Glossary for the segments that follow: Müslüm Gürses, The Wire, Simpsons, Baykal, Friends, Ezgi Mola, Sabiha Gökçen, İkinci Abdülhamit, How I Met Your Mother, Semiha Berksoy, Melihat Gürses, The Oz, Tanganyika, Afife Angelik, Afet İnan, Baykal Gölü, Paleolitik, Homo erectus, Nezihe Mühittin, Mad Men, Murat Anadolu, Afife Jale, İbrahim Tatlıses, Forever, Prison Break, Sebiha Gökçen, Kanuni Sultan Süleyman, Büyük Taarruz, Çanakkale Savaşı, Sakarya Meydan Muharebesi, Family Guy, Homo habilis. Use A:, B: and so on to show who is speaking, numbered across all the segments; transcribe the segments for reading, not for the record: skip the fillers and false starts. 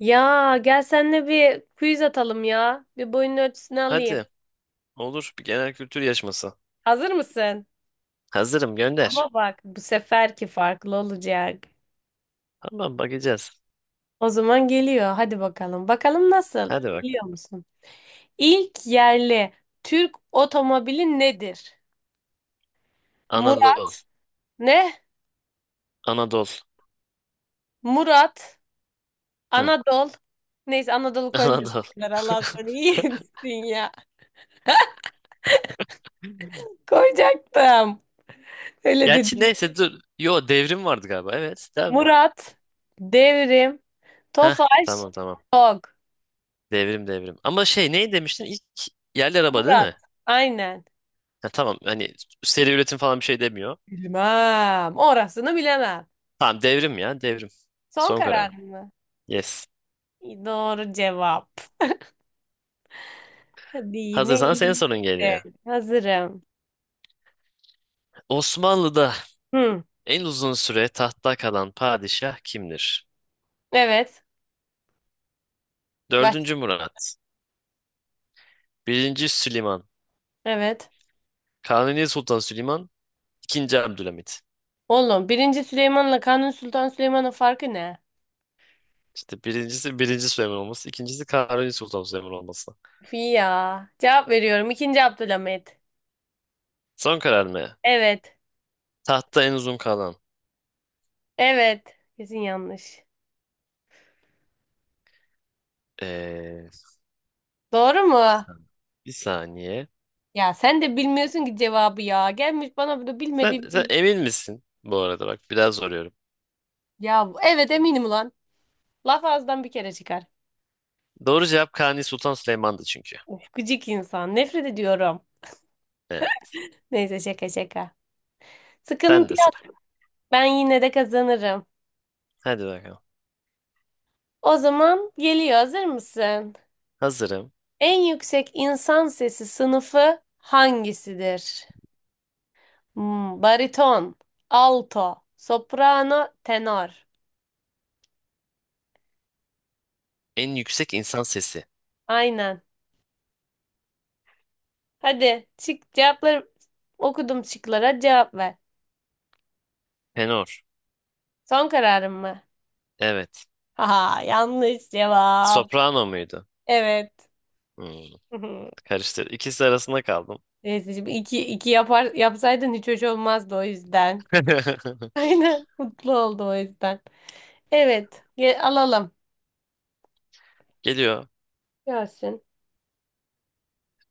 A: Ya gel seninle bir quiz atalım ya. Bir boyun ölçüsünü alayım.
B: Hadi olur bir genel kültür yarışması.
A: Hazır mısın?
B: Hazırım gönder.
A: Ama bak bu seferki farklı olacak.
B: Tamam bakacağız.
A: O zaman geliyor. Hadi bakalım. Bakalım nasıl?
B: Hadi bak.
A: Biliyor musun? İlk yerli Türk otomobili nedir? Murat
B: Anadolu.
A: ne?
B: Anadolu.
A: Murat
B: Hı.
A: Anadolu. Neyse Anadolu koymuyorum
B: Anadolu.
A: tekrar. Allah sana iyi etsin ya. Koyacaktım. Öyle
B: Gerçi
A: dedim.
B: neyse dur. Yo devrim vardı galiba. Evet tamam.
A: Murat Devrim
B: Heh,
A: Tofaş
B: tamam tamam.
A: Tok.
B: Devrim devrim. Ama şey ne demiştin? İlk yerli araba değil
A: Murat.
B: mi?
A: Aynen.
B: Ha, tamam hani seri üretim falan bir şey demiyor.
A: Bilmem. Orasını bilemem.
B: Tamam devrim ya devrim.
A: Son
B: Son
A: karar
B: kararım.
A: mı?
B: Yes.
A: Doğru cevap. Hadi yine
B: Hazırsan senin
A: iyi.
B: sorun geliyor.
A: Evet, hazırım.
B: Osmanlı'da
A: Hı.
B: en uzun süre tahtta kalan padişah kimdir?
A: Evet. Başla.
B: Dördüncü Murat. Birinci Süleyman.
A: Evet.
B: Kanuni Sultan Süleyman. İkinci Abdülhamit.
A: Oğlum birinci Süleyman'la Kanuni Sultan Süleyman'ın farkı ne?
B: İşte birincisi birinci Süleyman olması, ikincisi Kanuni Sultan Süleyman olması.
A: Fi Ya. Cevap veriyorum. İkinci Abdülhamit.
B: Son karar mı?
A: Evet.
B: Tahtta en uzun kalan.
A: Evet. Kesin yanlış.
B: Ee,
A: Doğru
B: Bir
A: mu?
B: saniye. Bir saniye.
A: Ya sen de bilmiyorsun ki cevabı ya. Gelmiş bana bunu
B: Sen,
A: bilmediği...
B: sen emin misin? Bu arada bak biraz soruyorum.
A: Ya evet eminim ulan. Laf ağızdan bir kere çıkar.
B: Doğru cevap Kanuni Sultan Süleyman'dı çünkü.
A: Of, gıcık insan. Nefret ediyorum.
B: Evet.
A: Neyse şaka şaka.
B: Sen
A: Sıkıntı
B: de sıra.
A: yok. Ben yine de kazanırım.
B: Hadi bakalım.
A: O zaman geliyor. Hazır mısın?
B: Hazırım.
A: En yüksek insan sesi sınıfı hangisidir? Bariton, alto, soprano, tenor.
B: En yüksek insan sesi.
A: Aynen. Hadi çık cevapları okudum şıklara cevap ver.
B: Tenor.
A: Son kararın mı?
B: Evet.
A: Haha yanlış cevap.
B: Soprano muydu?
A: Evet.
B: Hmm, Karıştır. İkisi arasında kaldım.
A: Neyse şimdi iki, iki yapar, yapsaydın hiç hoş olmazdı o yüzden. Aynen. Mutlu oldu o yüzden. Evet. Alalım.
B: Geliyor.
A: Gelsin.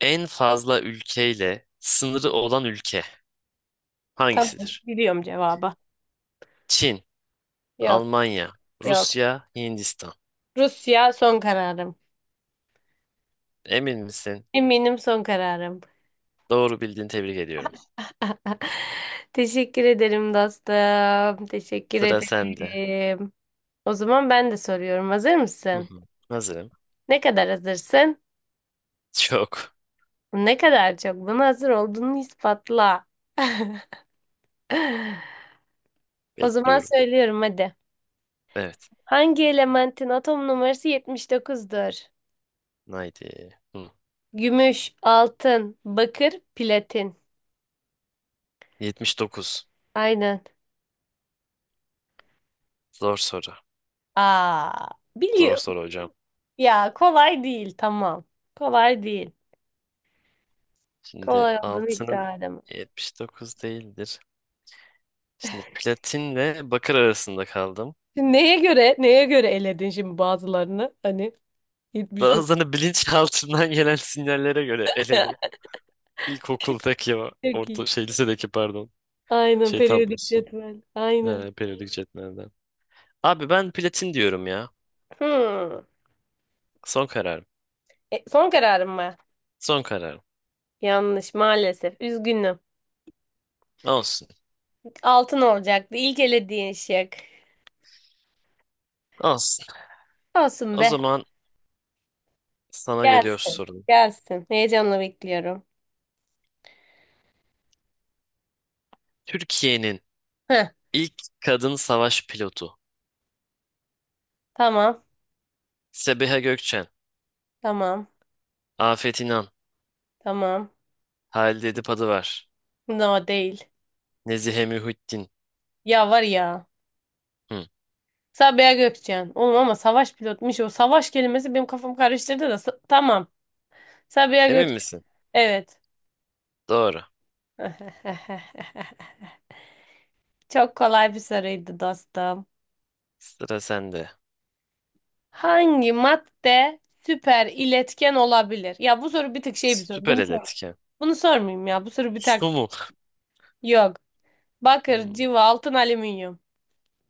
B: En fazla ülkeyle sınırı olan ülke
A: Tamam.
B: hangisidir?
A: Biliyorum cevabı.
B: Çin,
A: Yok.
B: Almanya,
A: Yok.
B: Rusya, Hindistan.
A: Rusya son kararım.
B: Emin misin?
A: Eminim son kararım.
B: Doğru bildiğini tebrik ediyorum.
A: Teşekkür ederim dostum. Teşekkür
B: Sıra sende.
A: ederim. O zaman ben de soruyorum. Hazır
B: Hı
A: mısın?
B: hı. Hazırım.
A: Ne kadar hazırsın?
B: Çok.
A: Ne kadar çok buna hazır olduğunu ispatla. O zaman
B: Bekliyorum.
A: söylüyorum hadi.
B: Evet.
A: Hangi elementin atom numarası yetmiş dokuzdur?
B: Haydi. Hı.
A: Gümüş, altın, bakır, platin.
B: 79.
A: Aynen.
B: Zor soru.
A: Aa,
B: Zor
A: biliyorum.
B: soru hocam.
A: Ya kolay değil tamam. Kolay değil.
B: Şimdi
A: Kolay olduğunu
B: altının
A: iddia edemem.
B: 79 değildir. Şimdi platinle bakır arasında kaldım.
A: Şimdi neye göre eledin şimdi bazılarını? Hani 79.
B: Bazılarını bilinçaltından gelen sinyallere göre eledim. İlkokuldaki o
A: Çok
B: orta
A: iyi.
B: şey lisedeki pardon
A: Aynen
B: şey
A: periyodik
B: tablosu.
A: cetvel. Aynen.
B: Periyodik cetvelden. Abi ben platin diyorum ya.
A: Hmm.
B: Son kararım.
A: E, son kararım mı?
B: Son kararım.
A: Yanlış maalesef. Üzgünüm.
B: Olsun.
A: Altın olacaktı. İlk elediğin şık.
B: Olsun.
A: Olsun
B: O
A: be.
B: zaman sana geliyor
A: Gelsin.
B: sorun.
A: Gelsin. Heyecanla bekliyorum.
B: Türkiye'nin
A: Heh,
B: ilk kadın savaş pilotu.
A: tamam.
B: Sebiha Gökçen,
A: Tamam.
B: Afet İnan,
A: Tamam.
B: Halide Edip Adıvar,
A: No değil.
B: Nezihe Mühittin.
A: Ya var ya.
B: Hı.
A: Sabiha Gökçen. Oğlum ama savaş pilotmuş o. Savaş kelimesi benim kafamı karıştırdı da. Tamam. Sabiha
B: Emin
A: Gökçen.
B: misin?
A: Evet.
B: Doğru.
A: Çok kolay bir soruydu dostum.
B: Sıra sende.
A: Hangi madde süper iletken olabilir? Ya bu soru bir tık şey bir soru.
B: Süper
A: Bunu
B: el
A: sor.
B: etken.
A: Bunu sormayayım ya. Bu soru bir tık.
B: Su mu?
A: Yok. Bakır,
B: Hı.
A: civa, altın, alüminyum.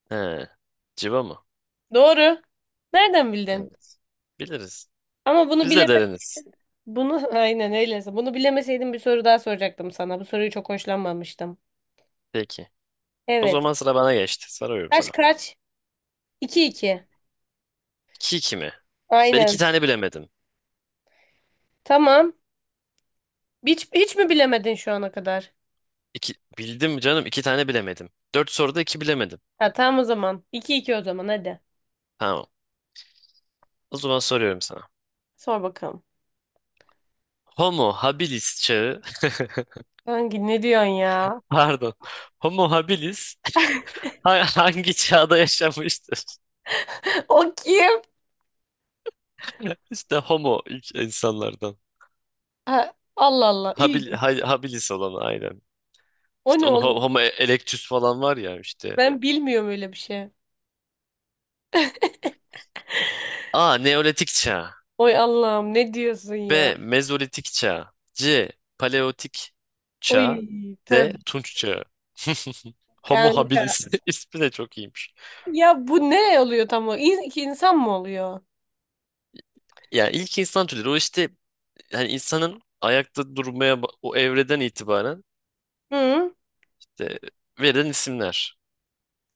B: He. Civa mı?
A: Doğru. Nereden bildin?
B: Evet. Biliriz.
A: Ama bunu
B: Biz de
A: bileme
B: deriniz.
A: bunu aynen öyleyse. Bunu bilemeseydim bir soru daha soracaktım sana. Bu soruyu çok hoşlanmamıştım.
B: Peki. O
A: Evet.
B: zaman sıra bana geçti. Soruyorum
A: Kaç
B: sana.
A: kaç? 2 iki.
B: İki 2 mi? Ben iki
A: Aynen.
B: tane bilemedim.
A: Tamam. Hiç mi bilemedin şu ana kadar?
B: İki, bildim canım iki tane bilemedim. Dört soruda iki bilemedim.
A: Ha, tamam o zaman. 2 iki o zaman hadi.
B: Tamam. O zaman soruyorum sana.
A: Sor bakalım.
B: Homo habilis çağı,
A: Ne diyorsun ya?
B: pardon. Homo habilis hangi çağda yaşamıştır?
A: O kim?
B: İşte homo ilk insanlardan.
A: Ha, Allah Allah.
B: Habil,
A: İlginç.
B: habilis olan aynen.
A: O
B: İşte
A: ne
B: onu
A: oğlum?
B: homo erectus falan var ya işte.
A: Ben bilmiyorum öyle bir şey.
B: A. Neolitik çağı.
A: Oy Allah'ım ne diyorsun ya?
B: B. Mezolitik çağ. C. Paleolitik çağ.
A: Oy
B: D.
A: tabii
B: Tunç çağı. Homo
A: kanka.
B: habilis ismi de çok iyiymiş.
A: Ya bu ne oluyor tam o? İki insan mı oluyor?
B: Yani ilk insan türleri o işte hani insanın ayakta durmaya o evreden itibaren
A: Hı?
B: işte verilen isimler.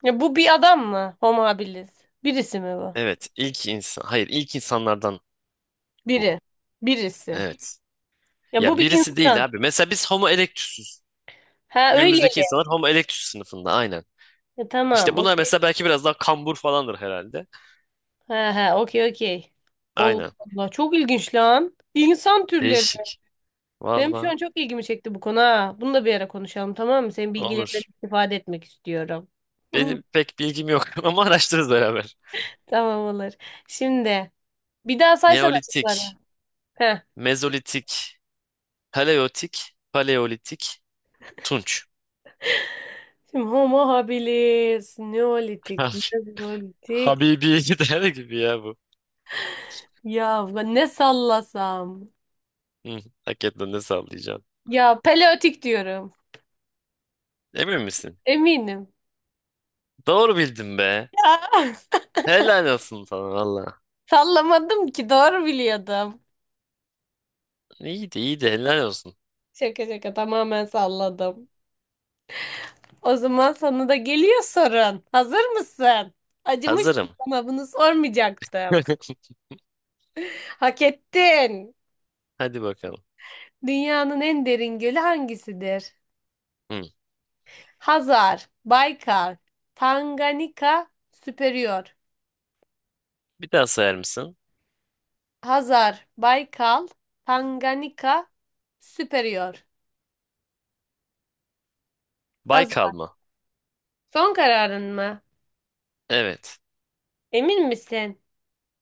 A: Ya bu bir adam mı? Homo habilis. Birisi mi bu?
B: Evet ilk insan hayır ilk insanlardan bu.
A: Biri. Birisi.
B: Evet.
A: Ya bu
B: Ya
A: bir
B: birisi
A: insan.
B: değil abi. Mesela biz Homo erectus'uz.
A: Ha
B: Günümüzdeki
A: öyleli.
B: insanlar Homo erectus sınıfında aynen.
A: Ya tamam.
B: İşte bunlar
A: Okey.
B: mesela belki biraz daha kambur falandır herhalde.
A: Ha ha okey okey. Allah
B: Aynen.
A: Allah çok ilginç lan. İnsan türleri.
B: Değişik.
A: Benim şu
B: Valla.
A: an çok ilgimi çekti bu konu ha. Bunu da bir ara konuşalım tamam mı? Senin bilgilerinden
B: Olur.
A: istifade etmek istiyorum.
B: Benim pek bilgim yok ama araştırırız beraber.
A: Tamam olur. Şimdi bir daha saysana şıkları.
B: Neolitik,
A: Heh.
B: Mezolitik, Paleolitik, Paleolitik, Tunç.
A: Şimdi Homo habilis, Neolitik,
B: Abi,
A: Mezolitik.
B: Habibi gider gibi ya bu.
A: Ya ne sallasam?
B: Hı, hakikaten ne sallayacaksın?
A: Ya Paleolitik diyorum.
B: Emin misin?
A: Eminim.
B: Doğru bildim be.
A: Ya
B: Helal olsun sana valla.
A: sallamadım ki doğru biliyordum.
B: İyiydi iyiydi helal olsun.
A: Şaka şaka tamamen salladım. O zaman sana da geliyor sorun. Hazır mısın? Acımıştım
B: Hazırım.
A: sana bunu sormayacaktım. Hak ettin.
B: Hadi bakalım.
A: Dünyanın en derin gölü hangisidir?
B: Hı.
A: Hazar, Baykal, Tanganyika, Süperior.
B: Bir daha sayar mısın?
A: Hazar, Baykal, Tanganyika, Superior.
B: Baykal
A: Hazar.
B: mı?
A: Son kararın mı?
B: Evet.
A: Emin misin?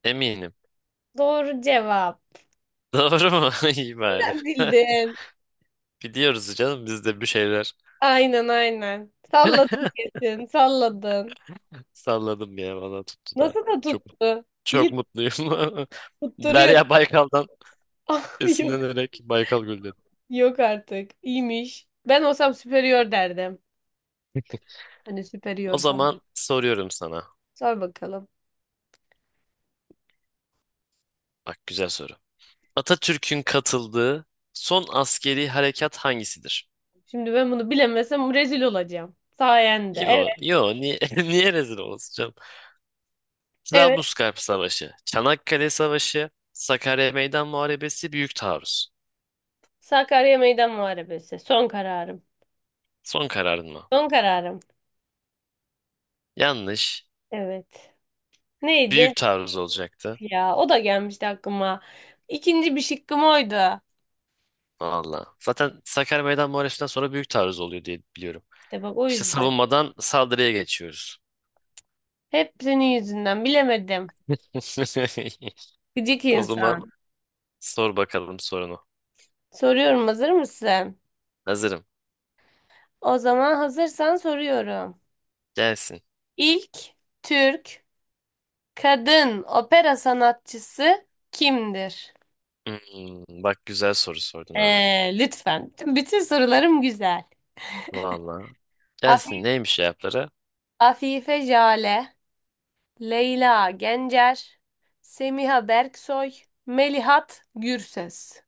B: Eminim.
A: Doğru cevap.
B: Doğru mu? İyi bari.
A: Sen bildin.
B: Biliyoruz canım biz de bir şeyler.
A: Aynen aynen. Salladın kesin, salladın.
B: Salladım ya bana tuttu da.
A: Nasıl da
B: Çok
A: tuttu?
B: çok
A: İyi
B: mutluyum.
A: tutturuyor.
B: Derya Baykal'dan
A: Ah, yok,
B: esinlenerek Baykal Gölü dedim.
A: yok artık. İyiymiş. Ben olsam Superior derdim. Hani
B: O
A: Superior falan.
B: zaman soruyorum sana.
A: Sor bakalım.
B: Bak güzel soru. Atatürk'ün katıldığı son askeri harekat hangisidir?
A: Şimdi ben bunu bilemesem rezil olacağım. Sayende.
B: Yo,
A: Evet.
B: yo niye, niye rezil olacağım?
A: Evet.
B: Trablusgarp Savaşı, Çanakkale Savaşı, Sakarya Meydan Muharebesi, Büyük Taarruz.
A: Sakarya Meydan Muharebesi. Son kararım.
B: Son kararın mı?
A: Son kararım.
B: Yanlış.
A: Evet. Neydi?
B: Büyük Taarruz olacaktı.
A: Ya o da gelmişti aklıma. İkinci bir şıkkım oydu.
B: Valla. Zaten Sakarya Meydan Muharebesi'nden sonra Büyük Taarruz oluyor diye biliyorum.
A: İşte bak o
B: İşte
A: yüzden.
B: savunmadan saldırıya geçiyoruz.
A: Hep senin yüzünden bilemedim. Gıcık
B: O zaman
A: insan.
B: sor bakalım sorunu.
A: Soruyorum hazır mısın?
B: Hazırım.
A: O zaman hazırsan soruyorum.
B: Gelsin.
A: İlk Türk kadın opera sanatçısı kimdir?
B: Hmm, Bak güzel soru sordun ha.
A: Lütfen. Bütün sorularım güzel.
B: Valla. Gelsin
A: Afi-
B: neymiş cevapları?
A: Afife Jale. Leyla Gencer, Semiha Berksoy, Melihat Gürses.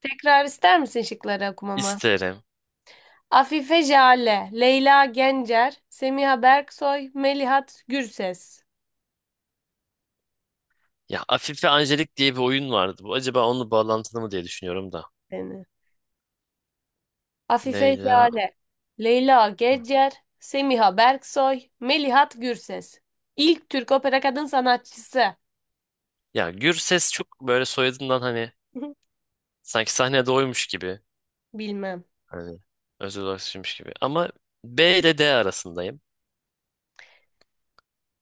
A: Tekrar ister misin şıkları okumamı?
B: İsterim.
A: Afife Jale, Leyla Gencer, Semiha Berksoy, Melihat Gürses.
B: Ya Afife Angelik diye bir oyun vardı. Bu acaba onunla bağlantılı mı diye düşünüyorum da.
A: Seni. Afife
B: Leyla.
A: Jale, Leyla
B: Hı.
A: Gencer, Semiha Berksoy, Melihat Gürses. İlk Türk opera kadın sanatçısı.
B: Ya Gürses çok böyle soyadından hani sanki sahnede oymuş gibi.
A: Bilmem.
B: Hani özel olarak düşünmüş gibi. Ama B ile D arasındayım.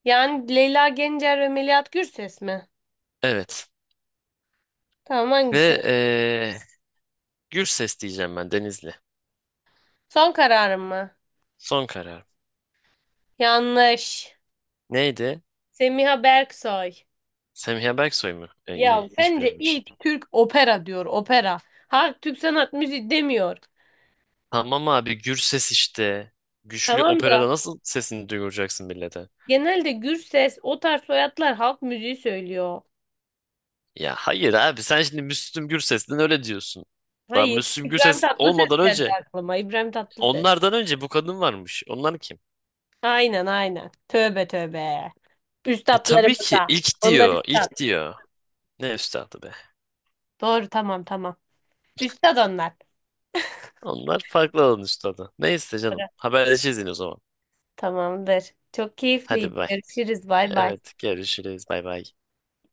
A: Yani Leyla Gencer ve Melihat Gürses mi?
B: Evet.
A: Tamam hangisi?
B: Ve Gürses diyeceğim ben Denizli.
A: Son kararım mı?
B: Son karar.
A: Yanlış.
B: Neydi?
A: Semiha Berksoy.
B: Semiha Berksoy mu? E,
A: Ya
B: iyi. Hiç
A: sence
B: bilememişim.
A: ilk Türk opera diyor opera. Halk Türk sanat müziği demiyor.
B: Tamam abi Gürses işte. Güçlü
A: Tamam da
B: operada nasıl sesini duyuracaksın millete?
A: genelde Gürses o tarz soyadlar halk müziği söylüyor.
B: Ya hayır abi sen şimdi Müslüm Gürses'ten öyle diyorsun. Daha
A: Hayır
B: Müslüm
A: İbrahim
B: Gürses
A: Tatlıses
B: olmadan
A: geldi
B: önce
A: aklıma İbrahim Tatlıses.
B: onlardan önce bu kadın varmış. Onlar kim?
A: Aynen aynen. Tövbe tövbe.
B: E tabii ki
A: Üstatlarımıza.
B: ilk
A: Onlar
B: diyor.
A: üstad.
B: İlk diyor. Ne üstadı be.
A: Doğru tamam tamam. Üstad onlar.
B: Onlar farklı alan üstadı. Neyse
A: Doğru.
B: canım. Haberleşiriz yine o zaman.
A: Tamamdır. Çok
B: Hadi
A: keyifliydi.
B: bay.
A: Görüşürüz. Bay bay.
B: Evet görüşürüz. Bay bay.